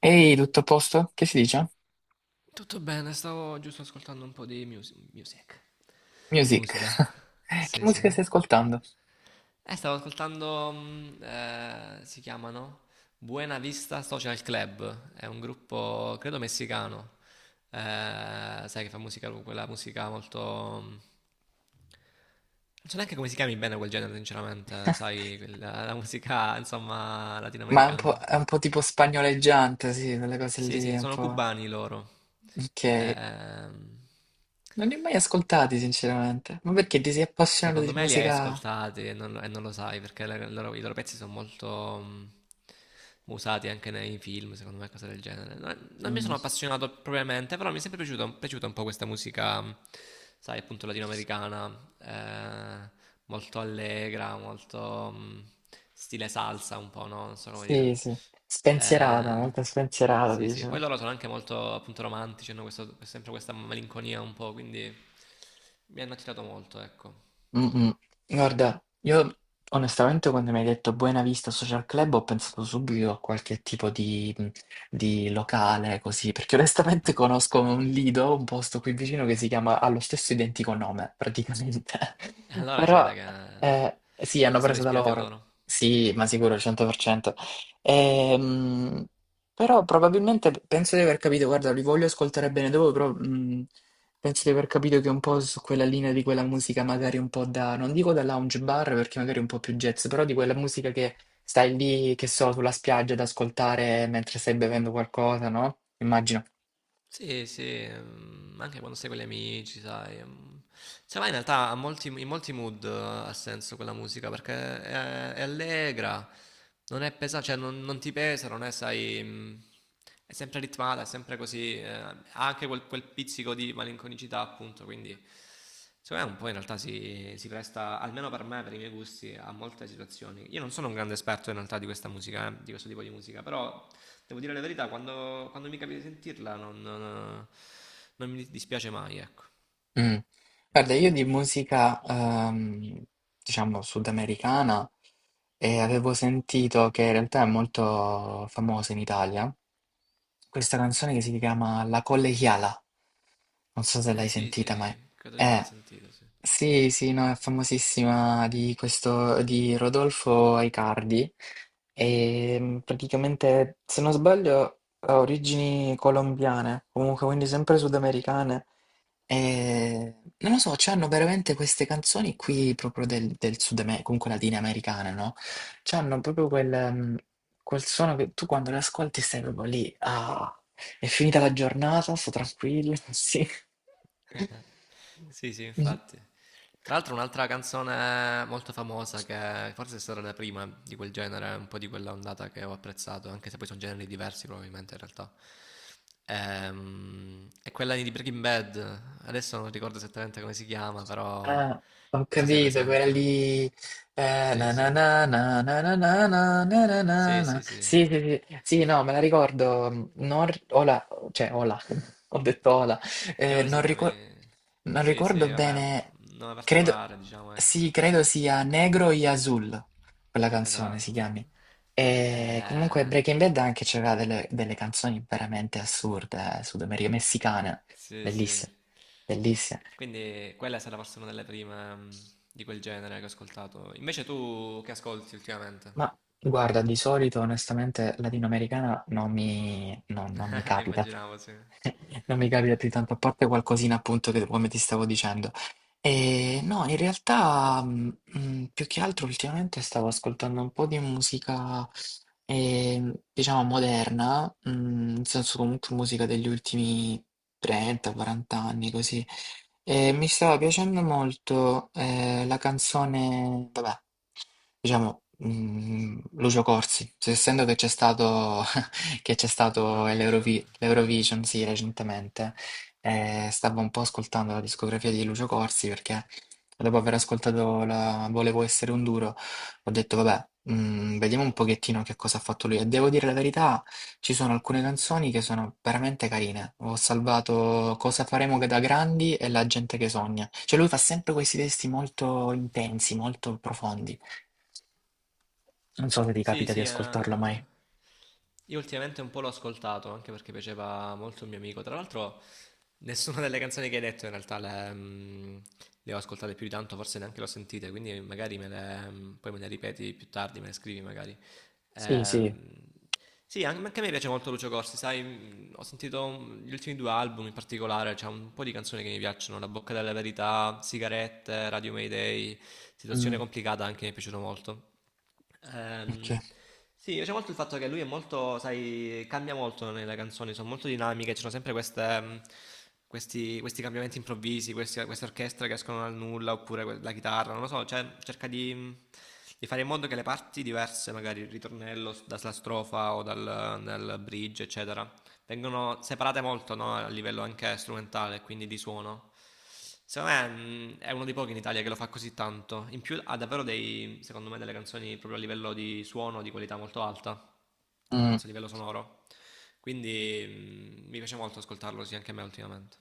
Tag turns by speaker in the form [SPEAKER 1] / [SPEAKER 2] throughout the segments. [SPEAKER 1] Ehi, tutto a posto? Che si dice?
[SPEAKER 2] Tutto bene, stavo giusto ascoltando un po' di music. Di
[SPEAKER 1] Music.
[SPEAKER 2] musica.
[SPEAKER 1] Che
[SPEAKER 2] Sì, sì.
[SPEAKER 1] musica stai ascoltando?
[SPEAKER 2] Stavo ascoltando, si chiamano Buena Vista Social Club, è un gruppo, credo, messicano. Eh, sai che fa musica, quella musica molto... Non so neanche come si chiami bene quel genere, sinceramente, sai, quella, la musica, insomma,
[SPEAKER 1] Ma
[SPEAKER 2] latinoamericana.
[SPEAKER 1] è un po' tipo spagnoleggiante, sì, quelle cose
[SPEAKER 2] Sì,
[SPEAKER 1] lì,
[SPEAKER 2] sì,
[SPEAKER 1] un
[SPEAKER 2] sono
[SPEAKER 1] po'...
[SPEAKER 2] cubani loro.
[SPEAKER 1] Ok.
[SPEAKER 2] Ehm,
[SPEAKER 1] Non li ho mai ascoltati, sinceramente. Ma perché ti sei appassionato
[SPEAKER 2] Secondo
[SPEAKER 1] di
[SPEAKER 2] me li hai
[SPEAKER 1] musica...
[SPEAKER 2] ascoltati e non lo sai perché i loro pezzi sono molto usati anche nei film, secondo me, cose del genere. Non mi
[SPEAKER 1] Mm,
[SPEAKER 2] sono appassionato propriamente, però mi è sempre piaciuta un po' questa musica, sai, appunto latinoamericana, molto allegra, molto stile salsa un po', no? Non so come
[SPEAKER 1] sì,
[SPEAKER 2] dire.
[SPEAKER 1] sì. Spensierata,
[SPEAKER 2] Eh,
[SPEAKER 1] molto spensierata,
[SPEAKER 2] sì, sì, poi
[SPEAKER 1] dicevo.
[SPEAKER 2] loro sono anche molto appunto romantici, sempre questa malinconia un po', quindi mi hanno attirato molto, ecco.
[SPEAKER 1] Mh-mh. Guarda, io onestamente quando mi hai detto Buena Vista Social Club ho pensato subito a qualche tipo di locale così, perché onestamente conosco un lido, un posto qui vicino che si chiama, ha lo stesso identico nome praticamente,
[SPEAKER 2] Allora si
[SPEAKER 1] però
[SPEAKER 2] vede che
[SPEAKER 1] sì, hanno
[SPEAKER 2] si sono
[SPEAKER 1] preso da
[SPEAKER 2] ispirati a
[SPEAKER 1] loro,
[SPEAKER 2] loro.
[SPEAKER 1] sì, ma sicuro, 100%. Ehm, Però probabilmente penso di aver capito, guarda, li voglio ascoltare bene dopo, però... Penso di aver capito che è un po' su quella linea di quella musica magari un po' da, non dico da lounge bar perché magari è un po' più jazz, però di quella musica che stai lì, che so, sulla spiaggia ad ascoltare mentre stai bevendo qualcosa, no? Immagino.
[SPEAKER 2] Sì, sì, anche quando sei con gli amici, sai. Se vai in realtà a in molti mood ha senso quella musica perché è allegra, non è pesante, cioè non ti pesa, non è, sai, è sempre ritmata, è sempre così, ha anche quel, quel pizzico di malinconicità appunto, quindi secondo me un po' in realtà si presta, almeno per me, per i miei gusti, a molte situazioni. Io non sono un grande esperto in realtà di questa musica, di questo tipo di musica, però devo dire la verità, quando mi capita di sentirla non mi dispiace mai, ecco.
[SPEAKER 1] Mm. Guarda, io di musica, diciamo, sudamericana, e avevo sentito che in realtà è molto famosa in Italia, questa canzone che si chiama La Collegiala, non so se
[SPEAKER 2] Eh
[SPEAKER 1] l'hai
[SPEAKER 2] sì,
[SPEAKER 1] sentita mai.
[SPEAKER 2] sì, credo di averla sentita, sì.
[SPEAKER 1] Sì, sì, no, è famosissima di questo, di Rodolfo Aicardi e praticamente, se non sbaglio, ha origini colombiane, comunque quindi sempre sudamericane e non lo so, c'hanno veramente queste canzoni qui proprio del Sud America, comunque latinoamericane, no? C'hanno proprio quel, quel suono che tu quando le ascolti stai proprio lì, ah, è finita la giornata, sto tranquillo, sì.
[SPEAKER 2] Sì, sì,
[SPEAKER 1] Mm.
[SPEAKER 2] infatti. Tra l'altro un'altra canzone molto famosa che forse è stata la prima di quel genere, un po' di quella ondata che ho apprezzato, anche se poi sono generi diversi probabilmente in realtà. È quella di Breaking Bad. Adesso non ricordo esattamente come si chiama, però non
[SPEAKER 1] Ah, ho
[SPEAKER 2] so se è
[SPEAKER 1] capito, quella
[SPEAKER 2] presente.
[SPEAKER 1] lì. Eh,
[SPEAKER 2] Sì,
[SPEAKER 1] na na
[SPEAKER 2] sì.
[SPEAKER 1] na na na na na na na na na
[SPEAKER 2] Sì,
[SPEAKER 1] na.
[SPEAKER 2] sì, sì.
[SPEAKER 1] Sì, sì, sì, sì, no, me la ricordo. Non... ri- Ola, cioè, ola, ho detto ola. Eh,
[SPEAKER 2] Credo
[SPEAKER 1] non
[SPEAKER 2] si
[SPEAKER 1] ricor-
[SPEAKER 2] chiami...
[SPEAKER 1] Non
[SPEAKER 2] Sì, sì,
[SPEAKER 1] ricordo
[SPEAKER 2] vabbè, un
[SPEAKER 1] bene,
[SPEAKER 2] nome
[SPEAKER 1] credo,
[SPEAKER 2] particolare, diciamo, ecco.
[SPEAKER 1] sì, credo sia Negro y Azul, quella canzone si
[SPEAKER 2] Esatto.
[SPEAKER 1] chiami. E comunque
[SPEAKER 2] Eh...
[SPEAKER 1] Breaking Bad anche c'era delle, delle canzoni veramente assurde, messicane,
[SPEAKER 2] Sì, sì.
[SPEAKER 1] bellissime, bellissime.
[SPEAKER 2] Quindi quella è stata forse una delle prime di quel genere che ho ascoltato. Invece tu che ascolti ultimamente?
[SPEAKER 1] Ma guarda, di solito onestamente latinoamericana non mi capita,
[SPEAKER 2] Immaginavo, sì.
[SPEAKER 1] non mi capita più tanto, a parte qualcosina appunto che come ti stavo dicendo. E no, in realtà più che altro ultimamente stavo ascoltando un po' di musica, diciamo, moderna, nel senso comunque musica degli ultimi 30-40 anni, così. E mi stava piacendo molto la canzone, vabbè, diciamo, Lucio Corsi, essendo che c'è stato, che c'è stato
[SPEAKER 2] Eurovision.
[SPEAKER 1] l'Eurovi- l'Eurovision, sì, recentemente. E stavo un po' ascoltando la discografia di Lucio Corsi perché dopo aver ascoltato la Volevo essere un duro, ho detto vabbè, vediamo un pochettino che cosa ha fatto lui. E devo dire la verità, ci sono alcune canzoni che sono veramente carine. Ho salvato Cosa faremo che da grandi e La gente che sogna. Cioè lui fa sempre questi testi molto intensi, molto profondi. Non so se ti
[SPEAKER 2] Sì,
[SPEAKER 1] capita di
[SPEAKER 2] sì, eh.
[SPEAKER 1] ascoltarlo mai.
[SPEAKER 2] Io ultimamente un po' l'ho ascoltato, anche perché piaceva molto un mio amico. Tra l'altro, nessuna delle canzoni che hai detto in realtà le ho ascoltate più di tanto, forse neanche le ho sentite, quindi magari poi me le ripeti più tardi, me le scrivi magari.
[SPEAKER 1] Sì, sì.
[SPEAKER 2] Ehm, sì, anche a me piace molto Lucio Corsi, sai, ho sentito gli ultimi due album in particolare, c'è un po' di canzoni che mi piacciono, La bocca della verità, Sigarette, Radio Mayday, Situazione
[SPEAKER 1] Mm,
[SPEAKER 2] complicata anche mi è piaciuto molto.
[SPEAKER 1] ok.
[SPEAKER 2] Ehm, sì, mi piace molto il fatto che lui è molto, sai, cambia molto nelle canzoni, sono molto dinamiche, ci sono sempre questi, questi cambiamenti improvvisi, queste orchestre che escono dal nulla, oppure la chitarra, non lo so, cioè cerca di fare in modo che le parti diverse, magari il ritornello dalla strofa o dal bridge, eccetera, vengono separate molto no, a livello anche strumentale, quindi di suono. Secondo me è uno dei pochi in Italia che lo fa così tanto. In più ha davvero dei, secondo me, delle canzoni proprio a livello di suono di qualità molto alta,
[SPEAKER 1] Mm.
[SPEAKER 2] senza livello sonoro. Quindi mi piace molto ascoltarlo, sì, anche a me ultimamente.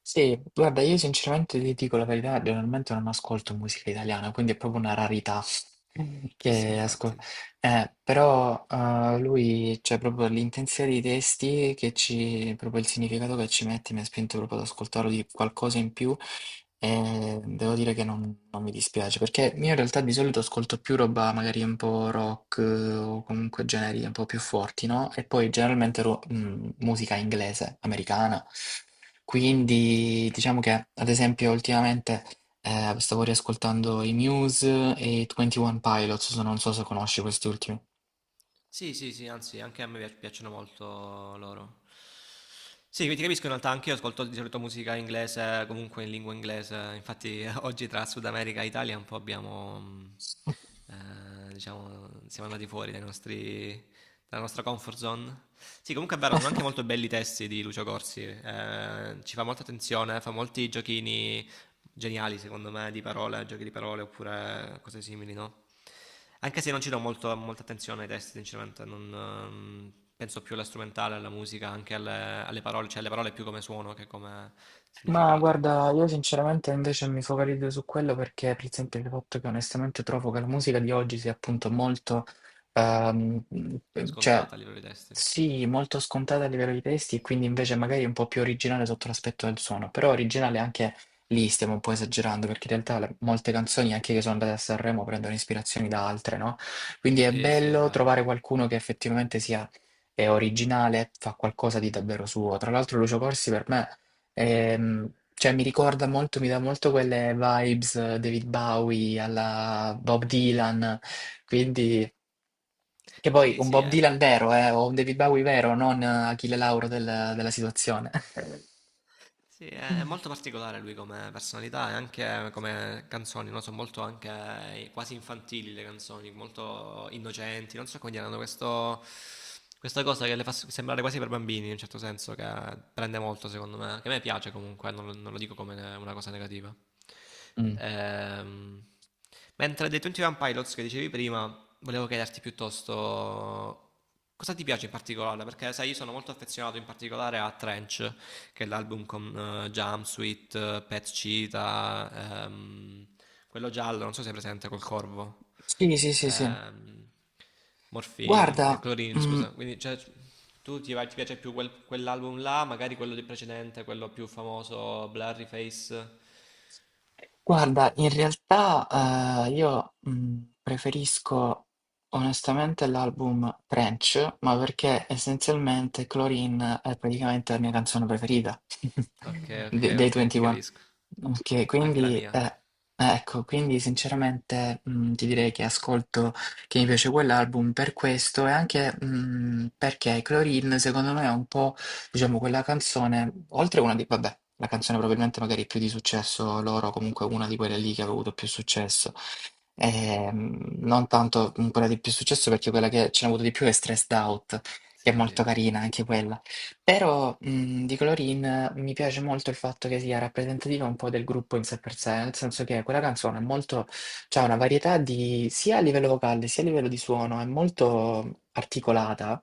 [SPEAKER 1] Sì, guarda, io sinceramente ti dico la verità, generalmente non ascolto musica italiana, quindi è proprio una rarità
[SPEAKER 2] Eh sì,
[SPEAKER 1] che ascolto.
[SPEAKER 2] infatti.
[SPEAKER 1] Però lui, cioè proprio l'intensità dei testi, che ci, proprio il significato che ci mette, mi ha spinto proprio ad ascoltarlo di qualcosa in più. E devo dire che non mi dispiace, perché io in realtà di solito ascolto più roba magari un po' rock o comunque generi un po' più forti, no? E poi generalmente musica inglese, americana.
[SPEAKER 2] Sì, sì.
[SPEAKER 1] Quindi diciamo che ad esempio ultimamente stavo riascoltando i Muse e i 21 Pilots, non so se conosci questi ultimi.
[SPEAKER 2] Sì, sì, sì, anzi, anche a me piacciono molto loro. Sì, quindi ti capisco in realtà, anche io ascolto di solito musica inglese, comunque in lingua inglese. Infatti, oggi tra Sud America e Italia un po' abbiamo, diciamo, siamo andati fuori dai nostri, dalla nostra comfort zone. Sì, comunque è vero, sono anche molto belli i testi di Lucio Corsi. Eh, ci fa molta attenzione, fa molti giochini geniali secondo me di parole, giochi di parole oppure cose simili, no? Anche se non ci do molta attenzione ai testi, sinceramente, non, penso più alla strumentale, alla musica, anche alle, alle parole, cioè alle parole più come suono che come
[SPEAKER 1] Ma
[SPEAKER 2] significato,
[SPEAKER 1] guarda, io sinceramente invece mi focalizzo su quello perché, per esempio, il fatto che onestamente trovo che la musica di oggi sia appunto molto, ehm, cioè
[SPEAKER 2] scontata a livello di testi.
[SPEAKER 1] sì, molto scontata a livello di testi e quindi invece magari un po' più originale sotto l'aspetto del suono, però originale anche lì stiamo un po' esagerando perché in realtà molte canzoni anche che sono andate a Sanremo prendono ispirazioni da altre, no? Quindi è
[SPEAKER 2] Sì, sì, è
[SPEAKER 1] bello
[SPEAKER 2] vero.
[SPEAKER 1] trovare qualcuno che effettivamente sia è originale, fa qualcosa di davvero suo. Tra l'altro Lucio Corsi per me cioè, mi ricorda molto, mi dà molto quelle vibes David Bowie alla Bob Dylan, quindi, che poi
[SPEAKER 2] Sì,
[SPEAKER 1] un
[SPEAKER 2] sì,
[SPEAKER 1] Bob
[SPEAKER 2] è-
[SPEAKER 1] Dylan vero, o un David Bowie vero, non Achille Lauro della situazione.
[SPEAKER 2] Sì, è molto particolare lui come personalità e anche come canzoni, no? Sono molto anche quasi infantili le canzoni, molto innocenti, non so come dire, hanno questo, questa cosa che le fa sembrare quasi per bambini in un certo senso, che prende molto secondo me, che a me piace comunque, non, lo non lo dico come una cosa negativa.
[SPEAKER 1] Mm.
[SPEAKER 2] Ehm, mentre dei 21 Pilots che dicevi prima, volevo chiederti piuttosto cosa ti piace in particolare, perché sai, io sono molto affezionato in particolare a Trench che è l'album con Jumpsuit, Pet Cheetah, quello giallo, non so se è presente col corvo,
[SPEAKER 1] Sì, sì, sì, sì.
[SPEAKER 2] ehm, Morphine,
[SPEAKER 1] Guarda,
[SPEAKER 2] Chlorine,
[SPEAKER 1] mm,
[SPEAKER 2] scusa. Quindi cioè, ti piace più quell'album là, magari quello di precedente, quello più famoso, Blurry Face.
[SPEAKER 1] guarda, in realtà io preferisco onestamente l'album Trench, ma perché essenzialmente Chlorine è praticamente la mia canzone preferita
[SPEAKER 2] Ok, ok,
[SPEAKER 1] dei
[SPEAKER 2] ok, ti
[SPEAKER 1] 21.
[SPEAKER 2] capisco.
[SPEAKER 1] Ok,
[SPEAKER 2] Anche la
[SPEAKER 1] quindi
[SPEAKER 2] mia.
[SPEAKER 1] eh, eh, ecco, quindi sinceramente ti direi che ascolto, che mi piace quell'album per questo e anche perché Chlorine secondo me è un po'. Diciamo, quella canzone, oltre a una di, vabbè, la canzone probabilmente magari più di successo loro, comunque una di quelle lì che ha avuto più successo, ehm, non tanto quella di più successo perché quella che ce n'ho avuto di più è Stressed Out, che è
[SPEAKER 2] Sì, sì.
[SPEAKER 1] molto carina anche quella. Però di Colorin mi piace molto il fatto che sia rappresentativa un po' del gruppo in sé per sé, nel senso che quella canzone è molto, c'ha una varietà di, sia a livello vocale sia a livello di suono, è molto articolata.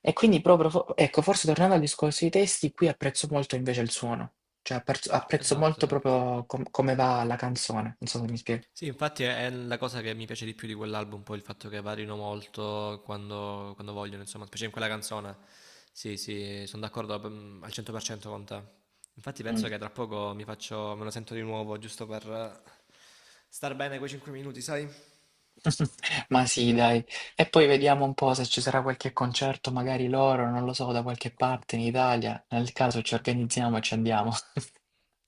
[SPEAKER 1] E quindi proprio, ecco, forse tornando al discorso dei testi, qui apprezzo molto invece il suono, cioè apprezzo
[SPEAKER 2] Esatto,
[SPEAKER 1] molto
[SPEAKER 2] esatto.
[SPEAKER 1] proprio come va la canzone, non so se mi spiego.
[SPEAKER 2] Sì, infatti è la cosa che mi piace di più di quell'album, poi il fatto che varino molto quando vogliono, insomma, specie in quella canzone. Sì, sì, sono d'accordo mm, al 100% con te. Infatti penso che tra poco mi faccio, me lo sento di nuovo, giusto per star bene quei 5 minuti, sai?
[SPEAKER 1] Ma sì, dai. E poi vediamo un po' se ci sarà qualche concerto, magari loro, non lo so, da qualche parte in Italia. Nel caso ci organizziamo e ci andiamo.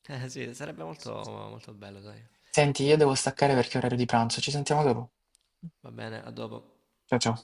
[SPEAKER 2] Eh sì, sarebbe molto, molto bello, sai?
[SPEAKER 1] Senti, io devo staccare perché è orario di pranzo. Ci sentiamo dopo.
[SPEAKER 2] Va bene, a dopo.
[SPEAKER 1] Ciao ciao.